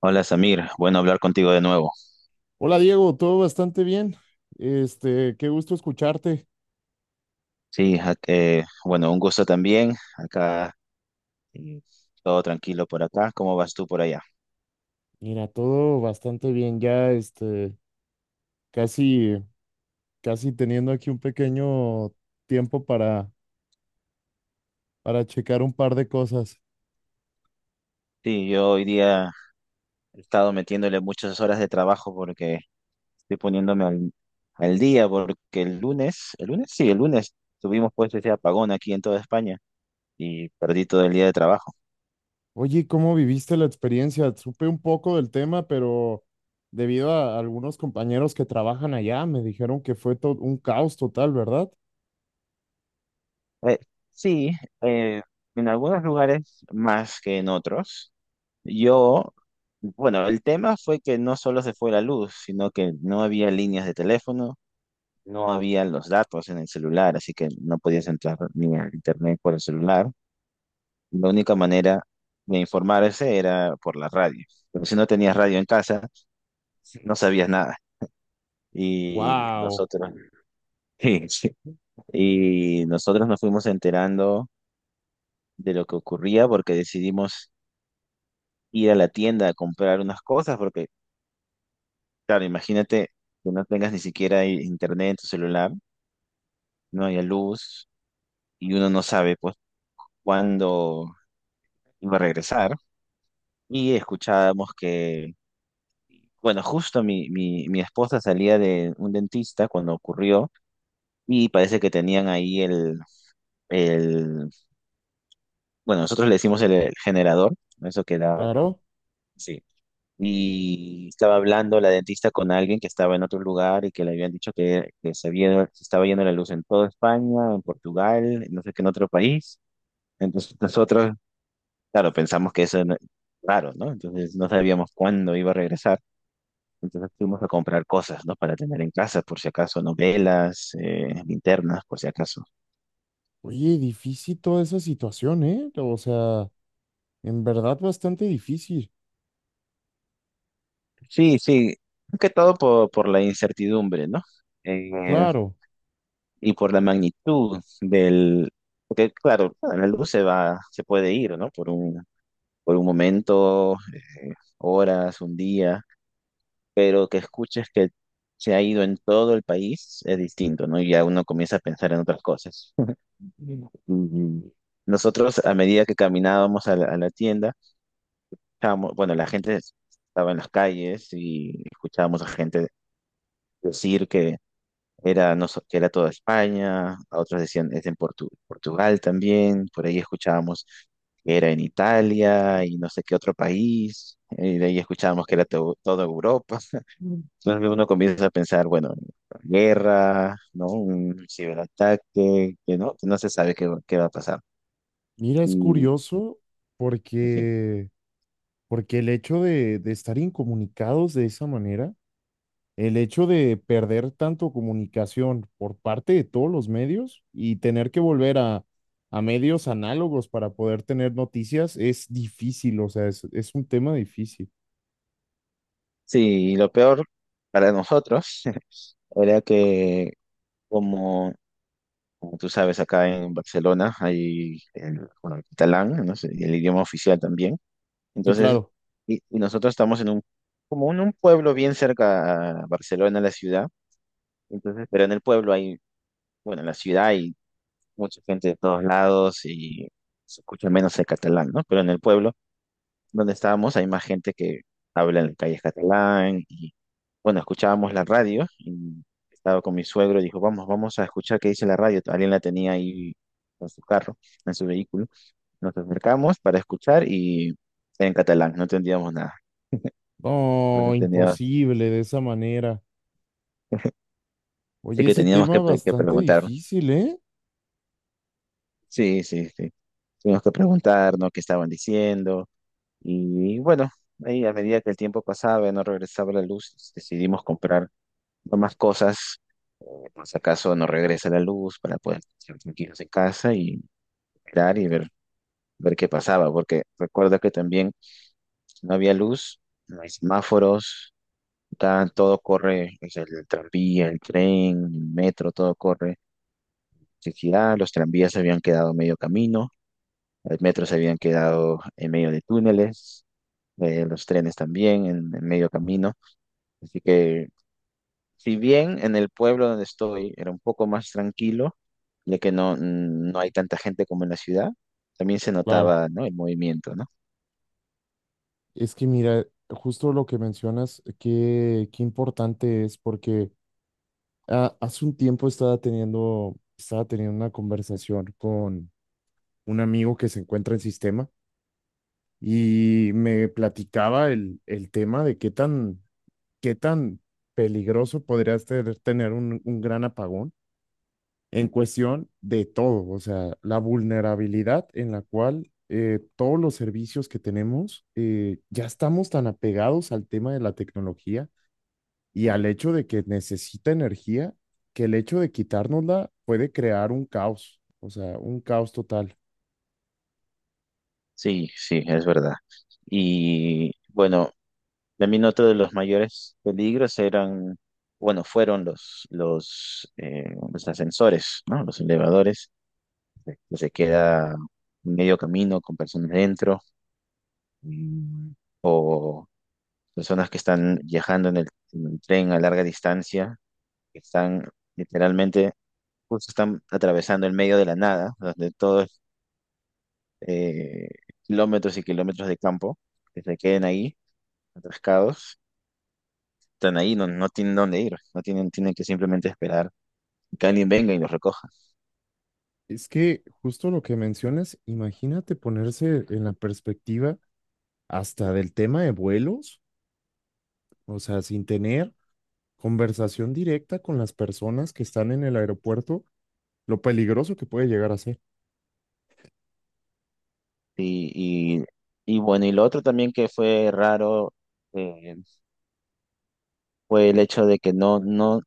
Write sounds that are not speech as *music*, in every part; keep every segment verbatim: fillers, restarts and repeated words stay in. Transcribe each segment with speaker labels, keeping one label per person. Speaker 1: Hola Samir, bueno hablar contigo de nuevo.
Speaker 2: Hola Diego, todo bastante bien. Este, qué gusto escucharte.
Speaker 1: Sí, ja- eh, bueno, un gusto también. Acá eh, todo tranquilo por acá. ¿Cómo vas tú por allá?
Speaker 2: Mira, todo bastante bien. Ya, este, casi, casi teniendo aquí un pequeño tiempo para, para checar un par de cosas.
Speaker 1: Sí, yo hoy día he estado metiéndole muchas horas de trabajo porque estoy poniéndome al, al día porque el lunes, el lunes, sí, el lunes tuvimos pues ese apagón aquí en toda España y perdí todo el día de trabajo.
Speaker 2: Oye, ¿cómo viviste la experiencia? Supe un poco del tema, pero debido a algunos compañeros que trabajan allá, me dijeron que fue todo un caos total, ¿verdad?
Speaker 1: Eh, sí. eh, en algunos lugares más que en otros. Yo, bueno, el tema fue que no solo se fue la luz, sino que no había líneas de teléfono, no había los datos en el celular, así que no podías entrar ni a internet por el celular. La única manera de informarse era por la radio. Pero si no tenías radio en casa, no sabías nada. Y
Speaker 2: Wow,
Speaker 1: nosotros, *laughs* sí, sí. Y nosotros nos fuimos enterando de lo que ocurría porque decidimos ir a la tienda a comprar unas cosas porque Claro, imagínate que no tengas ni siquiera i- internet en tu celular, no haya luz y uno no sabe pues cuándo iba a regresar. Y escuchábamos que, bueno, justo mi, mi, mi esposa salía de un dentista cuando ocurrió y parece que tenían ahí el, el bueno, nosotros le decimos el, el generador, eso que da.
Speaker 2: claro.
Speaker 1: Sí, y estaba hablando la dentista con alguien que estaba en otro lugar y que le habían dicho que, que se había, se estaba yendo la luz en toda España, en Portugal, en no sé qué, en otro país. Entonces nosotros, claro, pensamos que eso no- raro, ¿no? Entonces no sabíamos cuándo iba a regresar. Entonces fuimos a comprar cosas, ¿no? Para tener en casa, por si acaso, novelas, eh, linternas, por si acaso.
Speaker 2: Oye, difícil toda esa situación, ¿eh? O sea, en verdad bastante difícil.
Speaker 1: Sí, sí, más que todo por, por la incertidumbre, ¿no? Eh,
Speaker 2: Claro,
Speaker 1: y por la magnitud del, porque claro, la luz se va, se puede ir, ¿no? Por un, por un momento, eh, horas, un día, pero que escuches que se ha ido en todo el país es distinto, ¿no? Y ya uno comienza a pensar en otras cosas. *laughs* Y nosotros, a medida que caminábamos a la, a la tienda, estábamos- bueno, la gente estaba en las calles y escuchábamos a gente decir que Era, no, so- que era toda España, a otros decían es en Portu- Portugal también, por ahí escuchábamos que era en Italia y no sé qué otro país, y de ahí escuchábamos que era to- toda Europa. *laughs* Entonces uno comienza a pensar, bueno, guerra, ¿no? Un ciberataque, que no, que no se sabe qué, va qué va a pasar.
Speaker 2: mira, es
Speaker 1: Y,
Speaker 2: curioso
Speaker 1: en fin.
Speaker 2: porque, porque el hecho de, de estar incomunicados de esa manera, el hecho de perder tanto comunicación por parte de todos los medios y tener que volver a, a medios análogos para poder tener noticias es difícil, o sea, es, es un tema difícil.
Speaker 1: Sí, y lo peor para nosotros *laughs* era que como Como tú sabes, acá en Barcelona hay el, bueno, el catalán, ¿no? Es el idioma oficial también.
Speaker 2: Sí,
Speaker 1: Entonces,
Speaker 2: claro.
Speaker 1: y, y nosotros estamos en un, como en un pueblo bien cerca a Barcelona, la ciudad. Entonces, pero en el pueblo hay, bueno, en la ciudad hay mucha gente de todos lados y se escucha menos el catalán, ¿no? Pero en el pueblo donde estábamos hay más gente que habla en la calle catalán y bueno, escuchábamos la radio y estaba con mi suegro y dijo, vamos, vamos a escuchar qué dice la radio. Alguien la tenía ahí en su carro, en su vehículo. Nos acercamos para escuchar y en catalán, no entendíamos nada.
Speaker 2: Oh,
Speaker 1: Entonces entendía-
Speaker 2: imposible de esa manera.
Speaker 1: sí
Speaker 2: Oye,
Speaker 1: que
Speaker 2: ese
Speaker 1: teníamos
Speaker 2: tema
Speaker 1: que, pe- que
Speaker 2: bastante
Speaker 1: preguntar.
Speaker 2: difícil, ¿eh?
Speaker 1: Sí, sí, sí. Tuvimos que preguntarnos qué estaban diciendo y bueno, ahí a medida que el tiempo pasaba y no regresaba la luz, decidimos comprar más cosas, eh, por si acaso no regresa la luz para poder estar tranquilos en casa y esperar y ver, ver qué pasaba, porque recuerda que también no había luz, no hay semáforos, ta- todo corre, o sea, el tranvía, el tren, el metro, todo corre. Electricidad, los tranvías se habían quedado medio camino, los metros se habían quedado en medio de túneles, eh, los trenes también en en medio camino. Así que si bien en el pueblo donde estoy era un poco más tranquilo, ya que no, no hay tanta gente como en la ciudad, también se
Speaker 2: Claro.
Speaker 1: notaba, ¿no? El movimiento, ¿no?
Speaker 2: Es que mira, justo lo que mencionas, qué, qué importante es, porque ah, hace un tiempo estaba teniendo, estaba teniendo una conversación con un amigo que se encuentra en sistema y me platicaba el, el tema de qué tan, qué tan peligroso podría ser tener un, un gran apagón en cuestión de todo, o sea, la vulnerabilidad en la cual eh, todos los servicios que tenemos, eh, ya estamos tan apegados al tema de la tecnología y al hecho de que necesita energía, que el hecho de quitárnosla puede crear un caos, o sea, un caos total.
Speaker 1: Sí, sí, es verdad. Y bueno, también otro de los mayores peligros eran, bueno, fueron los, los, eh, los ascensores, ¿no? Los elevadores, que se queda medio camino con personas dentro, mm, o personas que están viajando en el, en el tren a larga distancia que están literalmente, justo están atravesando el medio de la nada, donde todos eh, kilómetros y kilómetros de campo que se queden ahí, atascados, están ahí, no, no tienen dónde ir, no tienen, tienen que simplemente esperar que alguien venga y los recoja.
Speaker 2: Es que justo lo que mencionas, imagínate ponerse en la perspectiva hasta del tema de vuelos, o sea, sin tener conversación directa con las personas que están en el aeropuerto, lo peligroso que puede llegar a ser.
Speaker 1: Y, y, y bueno, y lo otro también que fue raro, eh, fue el hecho de que no, no,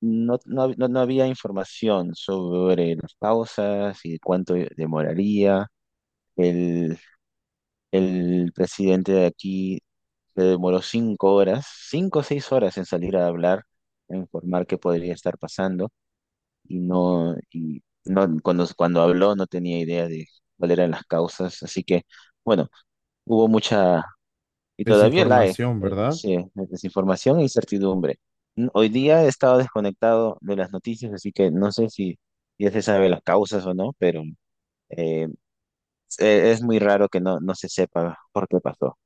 Speaker 1: no, no, hab- no- no había información sobre las pausas y cuánto demoraría. El presidente de aquí se demoró cinco horas, cinco o seis horas en salir a hablar, a informar qué podría estar pasando y no, y no cuando, cuando habló no tenía idea de cuáles eran las causas, así que bueno, hubo mucha, y todavía la hay,
Speaker 2: Desinformación,
Speaker 1: eh,
Speaker 2: ¿verdad?
Speaker 1: sí, desinformación e incertidumbre. N- Hoy día he estado desconectado de las noticias, así que no sé si ya se sabe las causas o no, pero eh, e- es muy raro que no, no se sepa por qué pasó.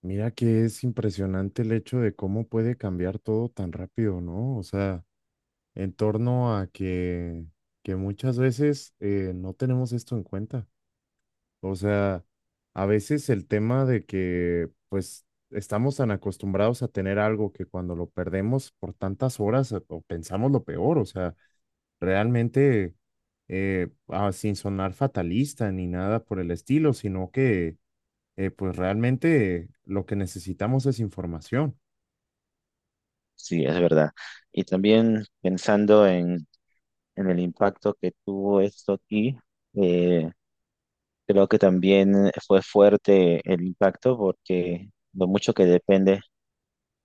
Speaker 2: Mira que es impresionante el hecho de cómo puede cambiar todo tan rápido, ¿no? O sea, en torno a que, que muchas veces eh, no tenemos esto en cuenta. O sea, a veces el tema de que pues estamos tan acostumbrados a tener algo que cuando lo perdemos por tantas horas eh, o pensamos lo peor, o sea, realmente eh, ah, sin sonar fatalista ni nada por el estilo, sino que eh, pues realmente lo que necesitamos es información.
Speaker 1: Sí, es verdad. Y también pensando en, en el impacto que tuvo esto aquí, eh, creo que también fue fuerte el impacto porque lo mucho que depende,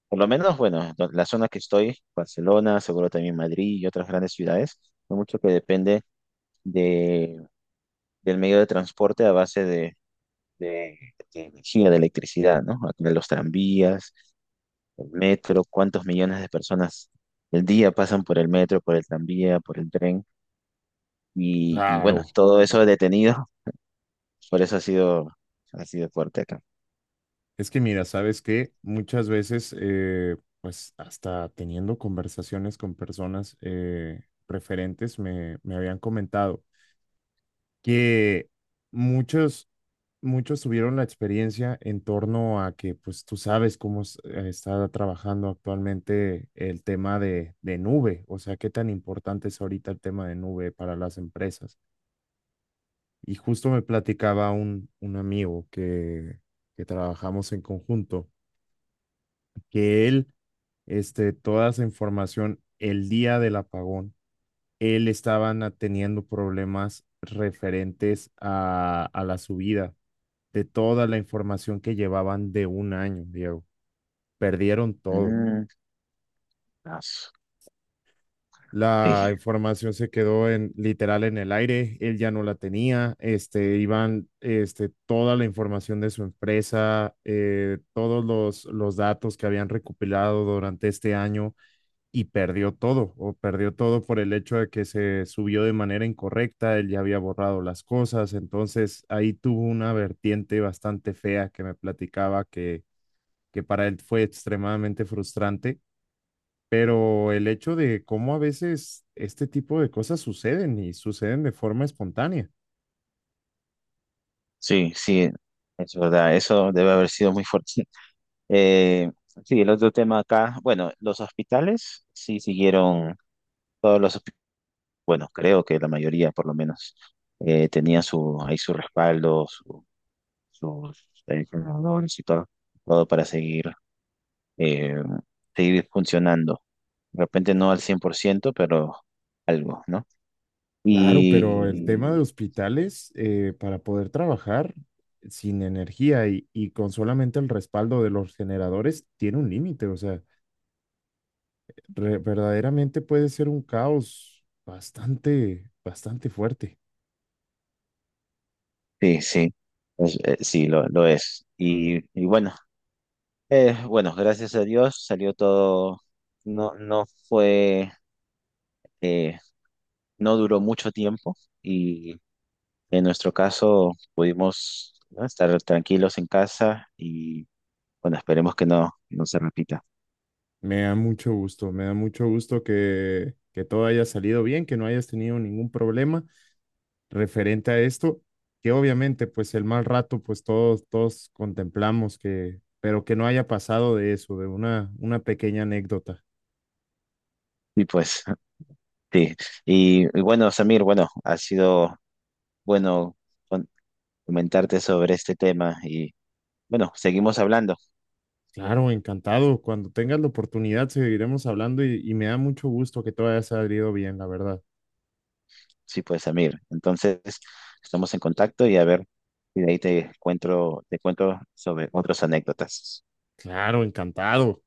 Speaker 1: por lo menos, bueno, do- la zona que estoy, Barcelona, seguro también Madrid y otras grandes ciudades, lo mucho que depende de, del medio de transporte a base de, de, de energía, de electricidad, ¿no? Aquí los tranvías, el metro, cuántos millones de personas el día pasan por el metro, por el tranvía, por el tren. Y, y bueno,
Speaker 2: Claro.
Speaker 1: todo eso detenido, *laughs* por eso ha sido, ha sido fuerte acá.
Speaker 2: Es que mira, sabes que muchas veces, eh, pues hasta teniendo conversaciones con personas eh, preferentes, me, me habían comentado que muchos, muchos tuvieron la experiencia en torno a que, pues tú sabes cómo es- eh, está trabajando actualmente el tema de, de nube, o sea, qué tan importante es ahorita el tema de nube para las empresas. Y justo me platicaba un, un amigo que, que trabajamos en conjunto que él, este, toda esa información, el día del apagón, él estaban ah, teniendo problemas referentes a, a la subida de toda la información que llevaban de un año, Diego. Perdieron todo.
Speaker 1: Mm, as-
Speaker 2: La
Speaker 1: sí,
Speaker 2: información se quedó en literal en el aire, él ya no la tenía, este, iban, este, toda la información de su empresa, eh, todos los, los datos que habían recopilado durante este año, y perdió todo, o perdió todo por el hecho de que se subió de manera incorrecta, él ya había borrado las cosas, entonces ahí tuvo una vertiente bastante fea que me platicaba que, que para él fue extremadamente frustrante, pero el hecho de cómo a veces este tipo de cosas suceden y suceden de forma espontánea.
Speaker 1: sí, sí, es verdad, eso debe haber sido muy fuerte. *laughs* Eh, sí, el otro tema acá, bueno, los hospitales sí siguieron, todos los, hospi- bueno, creo que la mayoría por lo menos eh, tenía su, ahí su respaldo, su- sus adicionadores y todo, todo para seguir eh, seguir funcionando. De repente no al cien por ciento pero algo, ¿no?
Speaker 2: Claro, pero el tema de
Speaker 1: Y
Speaker 2: hospitales, eh, para poder trabajar sin energía y, y con solamente el respaldo de los generadores, tiene un límite, o sea, re- verdaderamente puede ser un caos bastante, bastante fuerte.
Speaker 1: sí, sí, es- eh, sí, lo, lo es. Y, y bueno, eh, bueno, gracias a Dios salió todo, no, no fue, eh, no duró mucho tiempo y en nuestro caso pudimos, ¿no?, estar tranquilos en casa y bueno, esperemos que no, no se repita.
Speaker 2: Me da mucho gusto, me da mucho gusto que, que todo haya salido bien, que no hayas tenido ningún problema referente a esto, que obviamente pues el mal rato pues todos, todos contemplamos que, pero que no haya pasado de eso, de una, una pequeña anécdota.
Speaker 1: Y pues, *laughs* sí. Y, y bueno, Samir, bueno, ha sido bueno con- comentarte sobre este tema y bueno, seguimos hablando.
Speaker 2: Claro, encantado. Cuando tengas la oportunidad seguiremos hablando y, y me da mucho gusto que todo haya salido bien, la verdad.
Speaker 1: Sí, pues, Amir. Entonces, estamos en contacto y a ver si de ahí te cuento, te cuento, sobre otras anécdotas.
Speaker 2: Claro, encantado.